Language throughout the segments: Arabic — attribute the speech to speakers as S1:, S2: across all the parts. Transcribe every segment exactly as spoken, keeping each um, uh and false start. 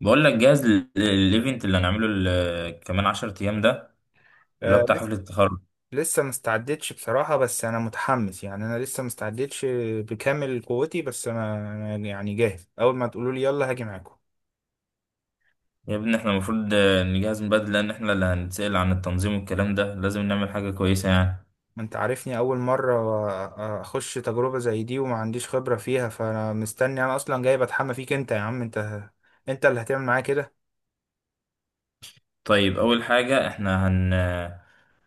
S1: بقول لك جاهز لل- للايفنت اللي هنعمله ال- كمان عشرة ايام ده اللي هو
S2: آه
S1: بتاع
S2: لسه.
S1: حفلة التخرج.
S2: لسه ما استعدتش بصراحة، بس أنا متحمس. يعني أنا لسه ما استعدتش بكامل قوتي، بس أنا أنا يعني جاهز. أول ما تقولوا لي يلا هاجي معاكم.
S1: يا ابني احنا المفروض آه، نجهز من بدري لان احنا اللي هنتسأل عن التنظيم والكلام ده، لازم نعمل حاجة كويسة يعني.
S2: أنت عارفني أول مرة أخش تجربة زي دي وما عنديش خبرة فيها، فأنا مستني. أنا أصلا جاي بتحمى فيك أنت يا عم. أنت أنت اللي هتعمل معايا كده.
S1: طيب اول حاجة احنا هن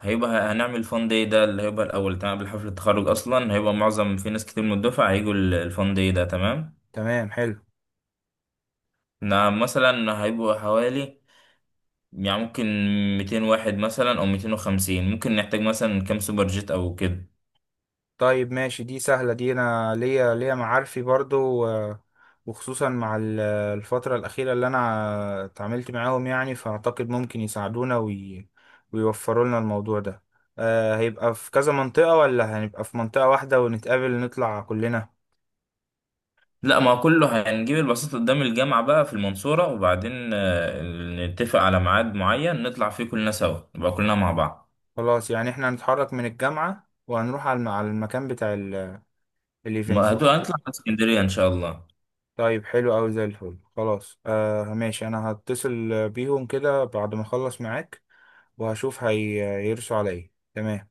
S1: هيبقى هنعمل فان داي ده اللي هيبقى الاول، تمام؟ قبل حفلة التخرج اصلا هيبقى معظم في ناس كتير من الدفعة هيجوا ال- الفان داي ده، تمام.
S2: تمام، حلو.
S1: نعم مثلا هيبقوا حوالي، يعني ممكن مئتين واحد مثلا او مئتين وخمسين، ممكن نحتاج مثلا كام سوبر جيت او كده.
S2: طيب ماشي، دي سهلة. دي أنا ليا ليا معارفي برضو، آه، وخصوصا مع ال- الفترة الأخيرة اللي أنا اتعاملت معاهم، يعني فأعتقد ممكن يساعدونا وي... ويوفروا لنا الموضوع ده. آه، هيبقى في كذا منطقة، ولا هنبقى في منطقة واحدة ونتقابل نطلع كلنا؟
S1: لا ما هو كله هنجيب البساطة قدام الجامعة بقى في المنصورة، وبعدين آه، نتفق على ميعاد معين نطلع فيه كلنا سوا، نبقى كلنا مع بعض.
S2: خلاص، يعني احنا هنتحرك من الجامعة وهنروح على الم- على المكان بتاع ال- الايفنت،
S1: ما
S2: صح
S1: هتبقى
S2: كده؟
S1: هنطلع على اسكندرية إن شاء الله.
S2: طيب حلو أوي، زي الفل. خلاص آه ماشي، أنا هتصل بيهم كده بعد ما أخلص معاك، وهشوف هي- هيرسوا على ايه. تمام.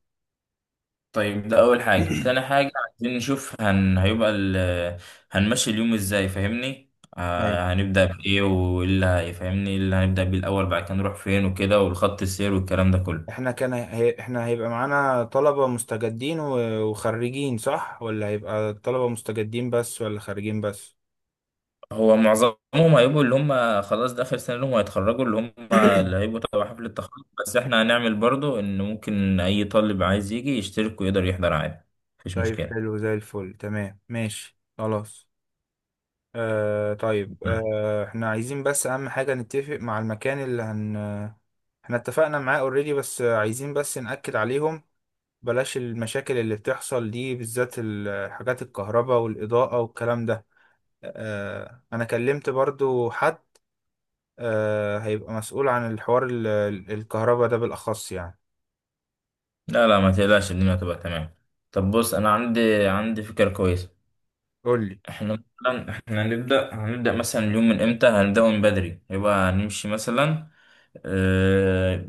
S1: طيب ده أول حاجة. تاني حاجة عايزين نشوف هن... هيبقى ال... هنمشي اليوم إزاي، فاهمني؟
S2: طيب
S1: آه، هنبدأ بإيه، واللي هيفهمني اللي هنبدأ بيه الأول، بعد كده نروح فين وكده، والخط السير والكلام ده كله.
S2: احنا كان هي... احنا هيبقى معانا طلبة مستجدين و... وخريجين، صح؟ ولا هيبقى طلبة مستجدين بس، ولا خارجين بس؟
S1: هو معظمهم هيبقوا اللي هم خلاص ده آخر سنة لهم، هيتخرجوا، اللي هم اللي هيبقوا تبع حفل التخرج، بس احنا هنعمل برضو ان ممكن اي طالب عايز يجي يشترك ويقدر يحضر عادي، مفيش
S2: طيب
S1: مشكلة.
S2: حلو، زي الفل، تمام ماشي، خلاص. آه طيب، آه احنا عايزين بس اهم حاجة نتفق مع المكان اللي هن احنا اتفقنا معاه اوريدي، بس عايزين بس نأكد عليهم، بلاش المشاكل اللي بتحصل دي، بالذات الحاجات الكهرباء والإضاءة والكلام ده. آه، انا كلمت برضو حد آه، هيبقى مسؤول عن الحوار ال- ال- الكهرباء ده بالاخص، يعني.
S1: لا لا ما تقلقش، الدنيا هتبقى تمام. طب بص انا عندي عندي فكرة كويسة.
S2: قول لي.
S1: احنا مثلا احنا هنبدأ هنبدأ مثلا اليوم من امتى؟ هنبدأ من بدري يبقى هنمشي مثلا، آه،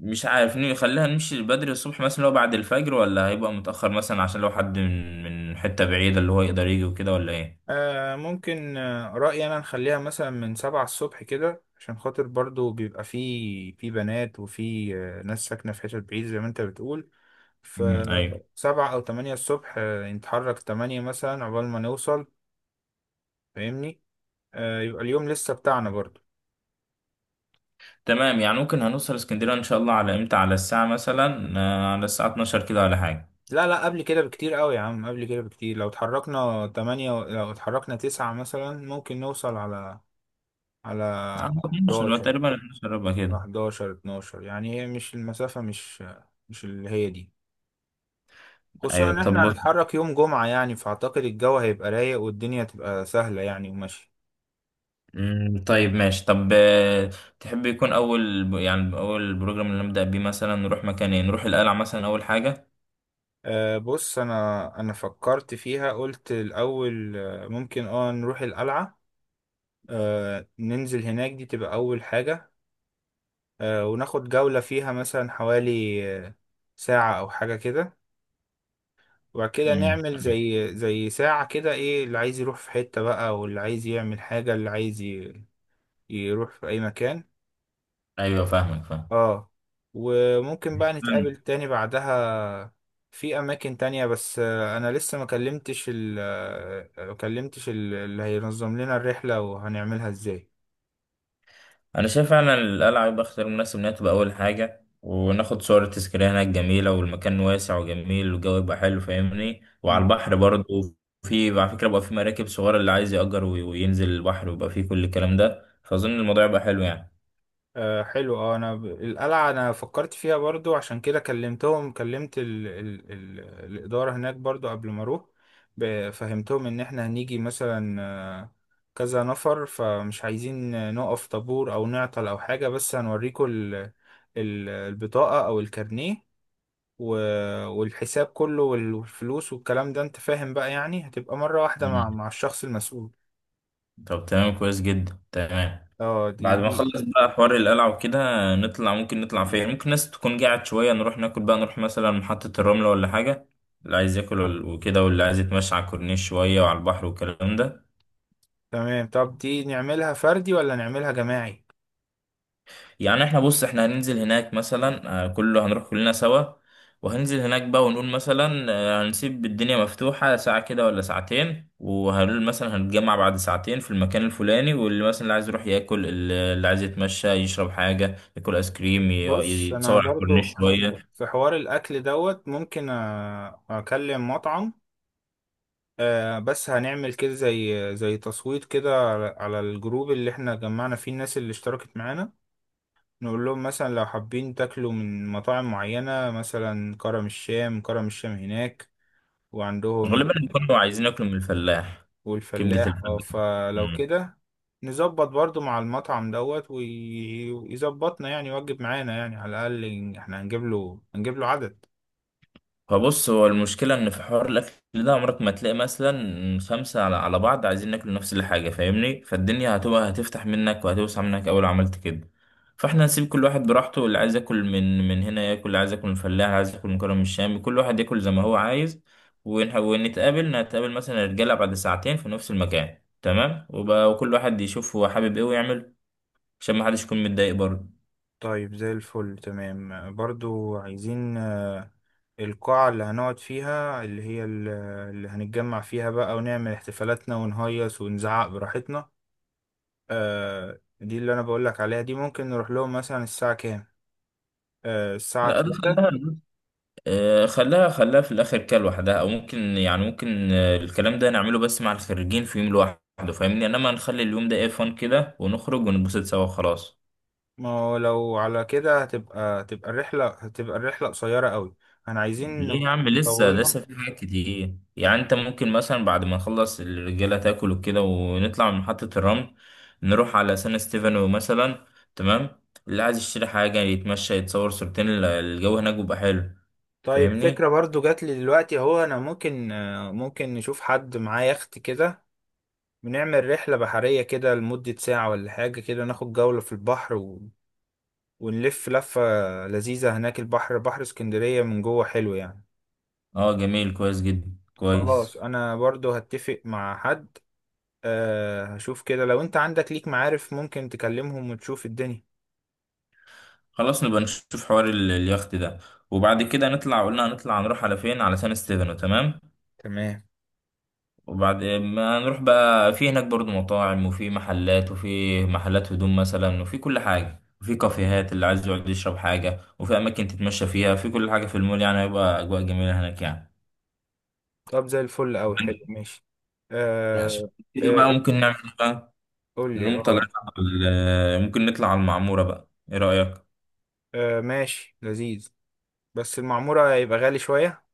S1: مش عارف ني- خليها نمشي بدري الصبح مثلا، لو بعد الفجر، ولا هيبقى متأخر مثلا عشان لو حد من من حتة بعيدة اللي هو يقدر يجي وكده، ولا ايه؟
S2: آه، ممكن، آه، رأيي انا نخليها مثلا من سبعة الصبح كده، عشان خاطر برضو بيبقى في في بنات وفي آه، ناس ساكنة في حتت بعيد زي ما انت بتقول.
S1: مم، ايوه
S2: فسبعة او تمانية الصبح، آه، نتحرك تمانية مثلا عقبال ما نوصل. فاهمني؟ آه، يبقى اليوم لسه بتاعنا برضو.
S1: تمام. يعني ممكن هنوصل اسكندرية ان شاء الله على امتى؟ على الساعة مثلا آه، على الساعة اتناشر كده ولا حاجة.
S2: لا لا، قبل كده بكتير قوي يا عم، قبل كده بكتير. لو اتحركنا تمانية و- لو اتحركنا تسعة مثلا ممكن نوصل على، على
S1: على اتناشر
S2: حداشر.
S1: تقريبا، اتناشر ربع
S2: على
S1: كده.
S2: حداشر اثنا عشر يعني، هي مش المسافة مش مش اللي هي دي. خصوصا
S1: ايوه.
S2: ان
S1: طب
S2: احنا
S1: بص-
S2: هنتحرك يوم جمعة يعني، فاعتقد الجو هيبقى رايق والدنيا تبقى سهلة يعني وماشية.
S1: مم، طيب ماشي. طب آه، تحب يكون اول ب- يعني اول بروجرام اللي نبدأ بيه مثلا، نروح مكان ايه؟ نروح القلعة مثلا اول حاجة.
S2: أه بص، انا انا فكرت فيها. قلت الاول آه، ممكن اه نروح القلعة. أه ننزل هناك، دي تبقى اول حاجة. آه، وناخد جولة فيها مثلا حوالي آه، ساعة أو حاجة كده. وبعد كده
S1: مم،
S2: نعمل
S1: ايوه.
S2: زي زي ساعة كده، إيه اللي عايز يروح في حتة بقى، واللي عايز يعمل حاجة، اللي عايز ي- يروح في أي مكان.
S1: أيوة، فاهمك.
S2: اه. وممكن بقى
S1: فاهم.
S2: نتقابل تاني بعدها في أماكن تانية، بس آه، أنا لسه ما كلمتش ال آه، ما كلمتش ال- اللي هينظم لنا الرحلة وهنعملها إزاي.
S1: انا شايف فعلا القلعه يبقى اختيار مناسب، انها تبقى اول حاجه، وناخد صور تذكاريه هناك جميله، والمكان واسع وجميل، والجو يبقى حلو، فاهمني؟ وعلى البحر برضه. في على فكره بقى في مراكب صغيره اللي عايز يأجر وي- وينزل البحر ويبقى فيه كل الكلام ده، فاظن الموضوع يبقى حلو يعني.
S2: آه حلو، اه انا ب... القلعة انا فكرت فيها برضو، عشان كده كلمتهم. كلمت ال... ال... ال... الإدارة هناك برضو قبل ما اروح. ب... فهمتهم ان احنا هنيجي مثلا آه، كذا نفر، فمش عايزين نقف طابور او نعطل او حاجة، بس هنوريكم ال... ال... البطاقة او الكارنيه و... والحساب كله وال- والفلوس والكلام ده، انت فاهم بقى يعني، هتبقى مرة واحدة مع
S1: مم.
S2: مع الشخص المسؤول.
S1: طب تمام، كويس جدا، تمام.
S2: اه دي
S1: بعد ما
S2: دي
S1: نخلص بقى حوار القلعه وكده، نطلع ممكن نطلع فين؟ ممكن ناس تكون قاعد شويه، نروح ناكل بقى، نروح مثلا محطه الرمله ولا حاجه، اللي عايز ياكل وال- وكده، واللي عايز يتمشى على الكورنيش شويه وعلى البحر والكلام ده.
S2: تمام. طب دي نعملها فردي ولا نعملها جماعي؟
S1: يعني احنا بص احنا هننزل هناك مثلا، آه، كله هنروح كلنا سوا، وهننزل هناك بقى ونقول مثلا، آه، هنسيب الدنيا مفتوحة ساعة كده ولا ساعتين، وهنقول مثلا هنتجمع بعد ساعتين في المكان الفلاني، واللي مثلا اللي عايز يروح ياكل، اللي اللي عايز يتمشى يشرب حاجة، ياكل ايس كريم، ي-
S2: بص انا
S1: يتصور على
S2: برضو في
S1: الكورنيش
S2: ح-
S1: شوية.
S2: في حوار الاكل دوت، ممكن أ- اكلم مطعم، آه، بس هنعمل كده زي زي تصويت كده على على الجروب اللي احنا جمعنا فيه الناس اللي اشتركت معانا. نقول لهم مثلا لو حابين تاكلوا من مطاعم معينة، مثلا كرم الشام كرم الشام هناك، وعندهم.
S1: غالبا كانوا عايزين ياكلوا من الفلاح، كبدة
S2: والفلاح اه،
S1: الفلاح.
S2: فلو كده نظبط برضو مع المطعم دوت وي- ويظبطنا، يعني يوجب معانا يعني، على الاقل احنا هنجيب له هنجيب له عدد.
S1: فبص هو المشكلة إن في حوار الأكل ده، عمرك ما تلاقي مثلا خمسة على على بعض عايزين ناكل نفس الحاجة، فاهمني؟ فالدنيا هتبقى هتفتح منك وهتوسع منك أول عملت كده. فاحنا نسيب كل واحد براحته، اللي عايز ياكل من من هنا ياكل، اللي عايز ياكل من الفلاح، اللي عايز ياكل من كرم الشام، كل واحد ياكل زي ما هو عايز. ونح- ونتقابل نتقابل مثلا الرجالة بعد ساعتين في نفس المكان، تمام؟ وبقى وكل واحد يشوف هو حابب ايه ويعمل، عشان ما حدش يكون متضايق برضه.
S2: طيب زي الفل، تمام. برضو عايزين آه، القاعة اللي هنقعد فيها، اللي هي ال- اللي هنتجمع فيها بقى ونعمل احتفالاتنا ونهيص ونزعق براحتنا. آه، دي اللي أنا بقولك عليها دي، ممكن نروح لهم مثلا الساعة كام؟ آه، الساعة
S1: لا ده
S2: تلاتة؟
S1: خلاها، آه، خلاها خلاها في الاخر كده لوحدها. او ممكن يعني ممكن آه، الكلام ده نعمله بس مع الخريجين في يوم لوحده فاهمني، انما نخلي اليوم ده ايه، فن كده، ونخرج ونتبسط سوا خلاص.
S2: ما هو لو على كده هتبقى هتبقى الرحلة هتبقى الرحلة قصيرة قوي. أنا عايزين
S1: ليه يا عم؟ لسه لسه
S2: نطولها.
S1: في حاجات كتير يعني. انت ممكن مثلا بعد ما نخلص الرجاله تاكل وكده ونطلع من محطه الرمل، نروح على سان ستيفانو مثلا. تمام. اللي عايز يشتري حاجه يتمشى يتصور صورتين، ال- الجو هناك بيبقى حلو
S2: طيب فكرة
S1: فاهمني.
S2: برضو جات لي دلوقتي اهو، أنا ممكن، آه، ممكن نشوف حد معاه يخت كده، بنعمل رحلة بحرية كده لمدة ساعة ولا حاجة كده، ناخد جولة في البحر و... ونلف لفة لذيذة هناك، البحر بحر اسكندرية من جوه حلو يعني.
S1: اه جميل، كويس جدا،
S2: خلاص
S1: كويس.
S2: أنا برضو هتفق مع حد. أه هشوف كده، لو أنت عندك ليك معارف ممكن تكلمهم وتشوف الدنيا.
S1: خلاص نبقى نشوف حوار ال- اليخت ده. وبعد كده نطلع، قلنا هنطلع نروح على فين؟ على سان ستيفانو، تمام.
S2: تمام.
S1: وبعد ما نروح بقى، في هناك برضو مطاعم وفي محلات وفي محلات هدوم مثلا، وفي كل حاجة، وفي كافيهات اللي عايز يقعد يشرب حاجة، وفي أماكن تتمشى فيها، في كل حاجة في المول يعني، هيبقى أجواء جميلة هناك يعني.
S2: طب زي الفل أوي، حلو ماشي.
S1: ماشي.
S2: أه.
S1: كده
S2: أه
S1: بقى
S2: إيه؟
S1: ممكن نعمل إيه بقى؟
S2: قول لي
S1: نقوم
S2: أه.
S1: طالعين على ال- آه، ممكن نطلع على المعمورة بقى، ايه رأيك؟
S2: أه ماشي، لذيذ. بس المعمورة هيبقى غالي شوية.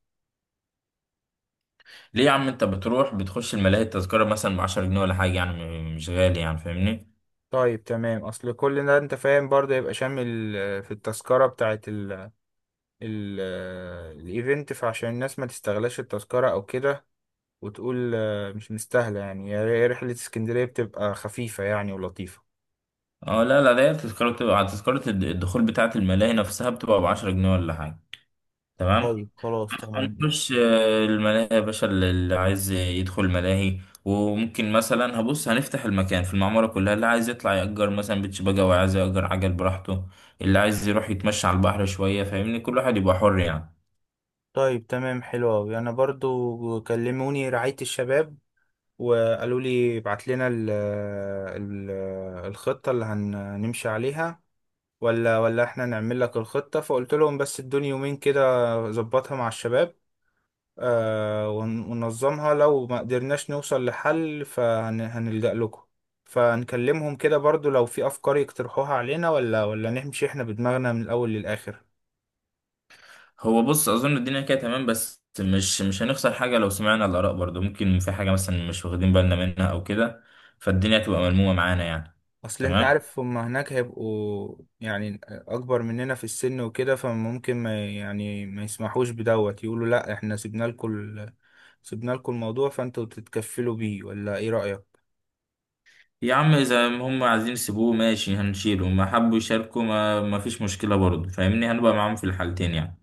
S1: ليه يا عم؟ انت بتروح بتخش الملاهي، التذكرة مثلا ب عشرة جنيه ولا حاجة يعني، م- مش غالي يعني فاهمني.
S2: طيب تمام، اصل كل ده انت فاهم برضه، يبقى شامل آه، في التذكرة بتاعت ال- الايفنت، فعشان الناس ما تستغلاش التذكرة او كده وتقول آه، مش مستاهلة. يعني هي رحلة اسكندرية بتبقى خفيفة يعني، ولطيفة.
S1: اه لا لا، ده تذكرة بتبقى على تذكرة الد- الدخول بتاعة الملاهي نفسها، بتبقى بعشرة جنيه ولا حاجة،
S2: طيب
S1: تمام؟
S2: خلاص تمام.
S1: هنخش آه، الملاهي يا باشا، اللي اللي عايز يدخل الملاهي، وممكن مثلا هبص هنفتح المكان في المعمورة كلها، اللي عايز يطلع يأجر مثلا بيتش باجا، وعايز يأجر عجل براحته، اللي عايز يروح يتمشى على البحر شوية فاهمني، كل واحد يبقى حر يعني.
S2: طيب تمام حلو أوي. أنا برضو كلموني رعاية الشباب وقالوا لي ابعت لنا ال آه، ال آه، الخطة اللي هنمشي عليها، ولا ولا احنا نعمل لك الخطة. فقلت لهم بس ادوني يومين كده اظبطها مع الشباب، آه، ون- وننظمها، لو ما قدرناش نوصل لحل فهنلجأ لكم. فنكلمهم كده برضو، لو في أفكار يقترحوها علينا، ولا ولا نمشي احنا بدماغنا من الأول للآخر.
S1: هو بص أظن الدنيا كده تمام، بس مش مش هنخسر حاجة لو سمعنا الآراء برضه، ممكن في حاجة مثلا مش واخدين بالنا منها أو كده، فالدنيا تبقى ملمومة معانا يعني.
S2: أصل أنت
S1: تمام.
S2: عارف هما هناك هيبقوا يعني أكبر مننا في السن وكده، فممكن ما يعني ما يسمحوش بدوت، يقولوا لأ احنا سيبنا لكم ال- سيبنا لكم الموضوع، فأنتوا تتكفلوا بيه. ولا إيه رأيك؟
S1: يا عم اذا هم عايزين يسيبوه ماشي، هنشيله، ما حبوا يشاركوا ما, ما فيش مشكله برضه فاهمني، هنبقى معاهم في الحالتين يعني.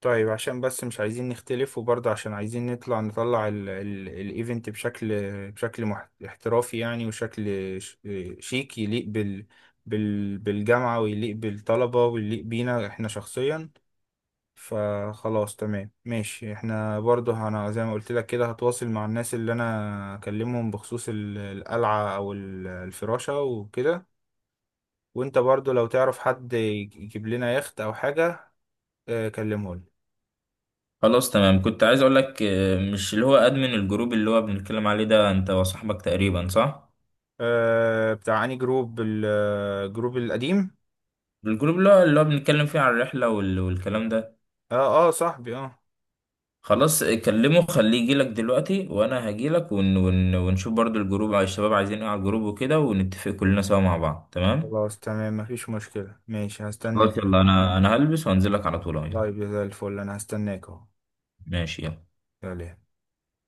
S2: طيب عشان بس مش عايزين نختلف، وبرضه عشان عايزين نطلع نطلع ال- ال- الايفنت بشكل بشكل مح- احترافي يعني، وشكل ش- شيك يليق بال بال بالجامعة، ويليق بالطلبة ويليق بينا احنا شخصيا. فخلاص تمام ماشي، احنا برضه انا زي ما قلت لك كده هتواصل مع الناس اللي انا اكلمهم بخصوص ال- القلعة او ال- الفراشة وكده. وانت برضه لو تعرف حد يجيب لنا يخت او حاجة، اه، كلمه لي.
S1: خلاص تمام. كنت عايز اقول لك آه، مش اللي هو ادمن الجروب اللي هو بنتكلم عليه ده انت وصاحبك تقريبا، صح؟
S2: آه بتاع اني جروب، الجروب القديم.
S1: الجروب اللي هو اللي هو بنتكلم فيه عن الرحله وال... والكلام ده.
S2: اه، اه، صاحبي، اه.
S1: خلاص آه، كلمه خليه يجيلك دلوقتي، وانا هجيلك ون... ون... ونشوف برضه الجروب، على الشباب عايزين ايه على الجروب وكده، ونتفق كلنا سوا مع بعض، تمام؟
S2: خلاص تمام، مفيش مشكلة، ماشي هستناك.
S1: خلاص يلا، انا انا هلبس وانزلك على طول اهو.
S2: طيب زي الفل، انا هستناك اهو.
S1: ماشي يلا.
S2: يلا.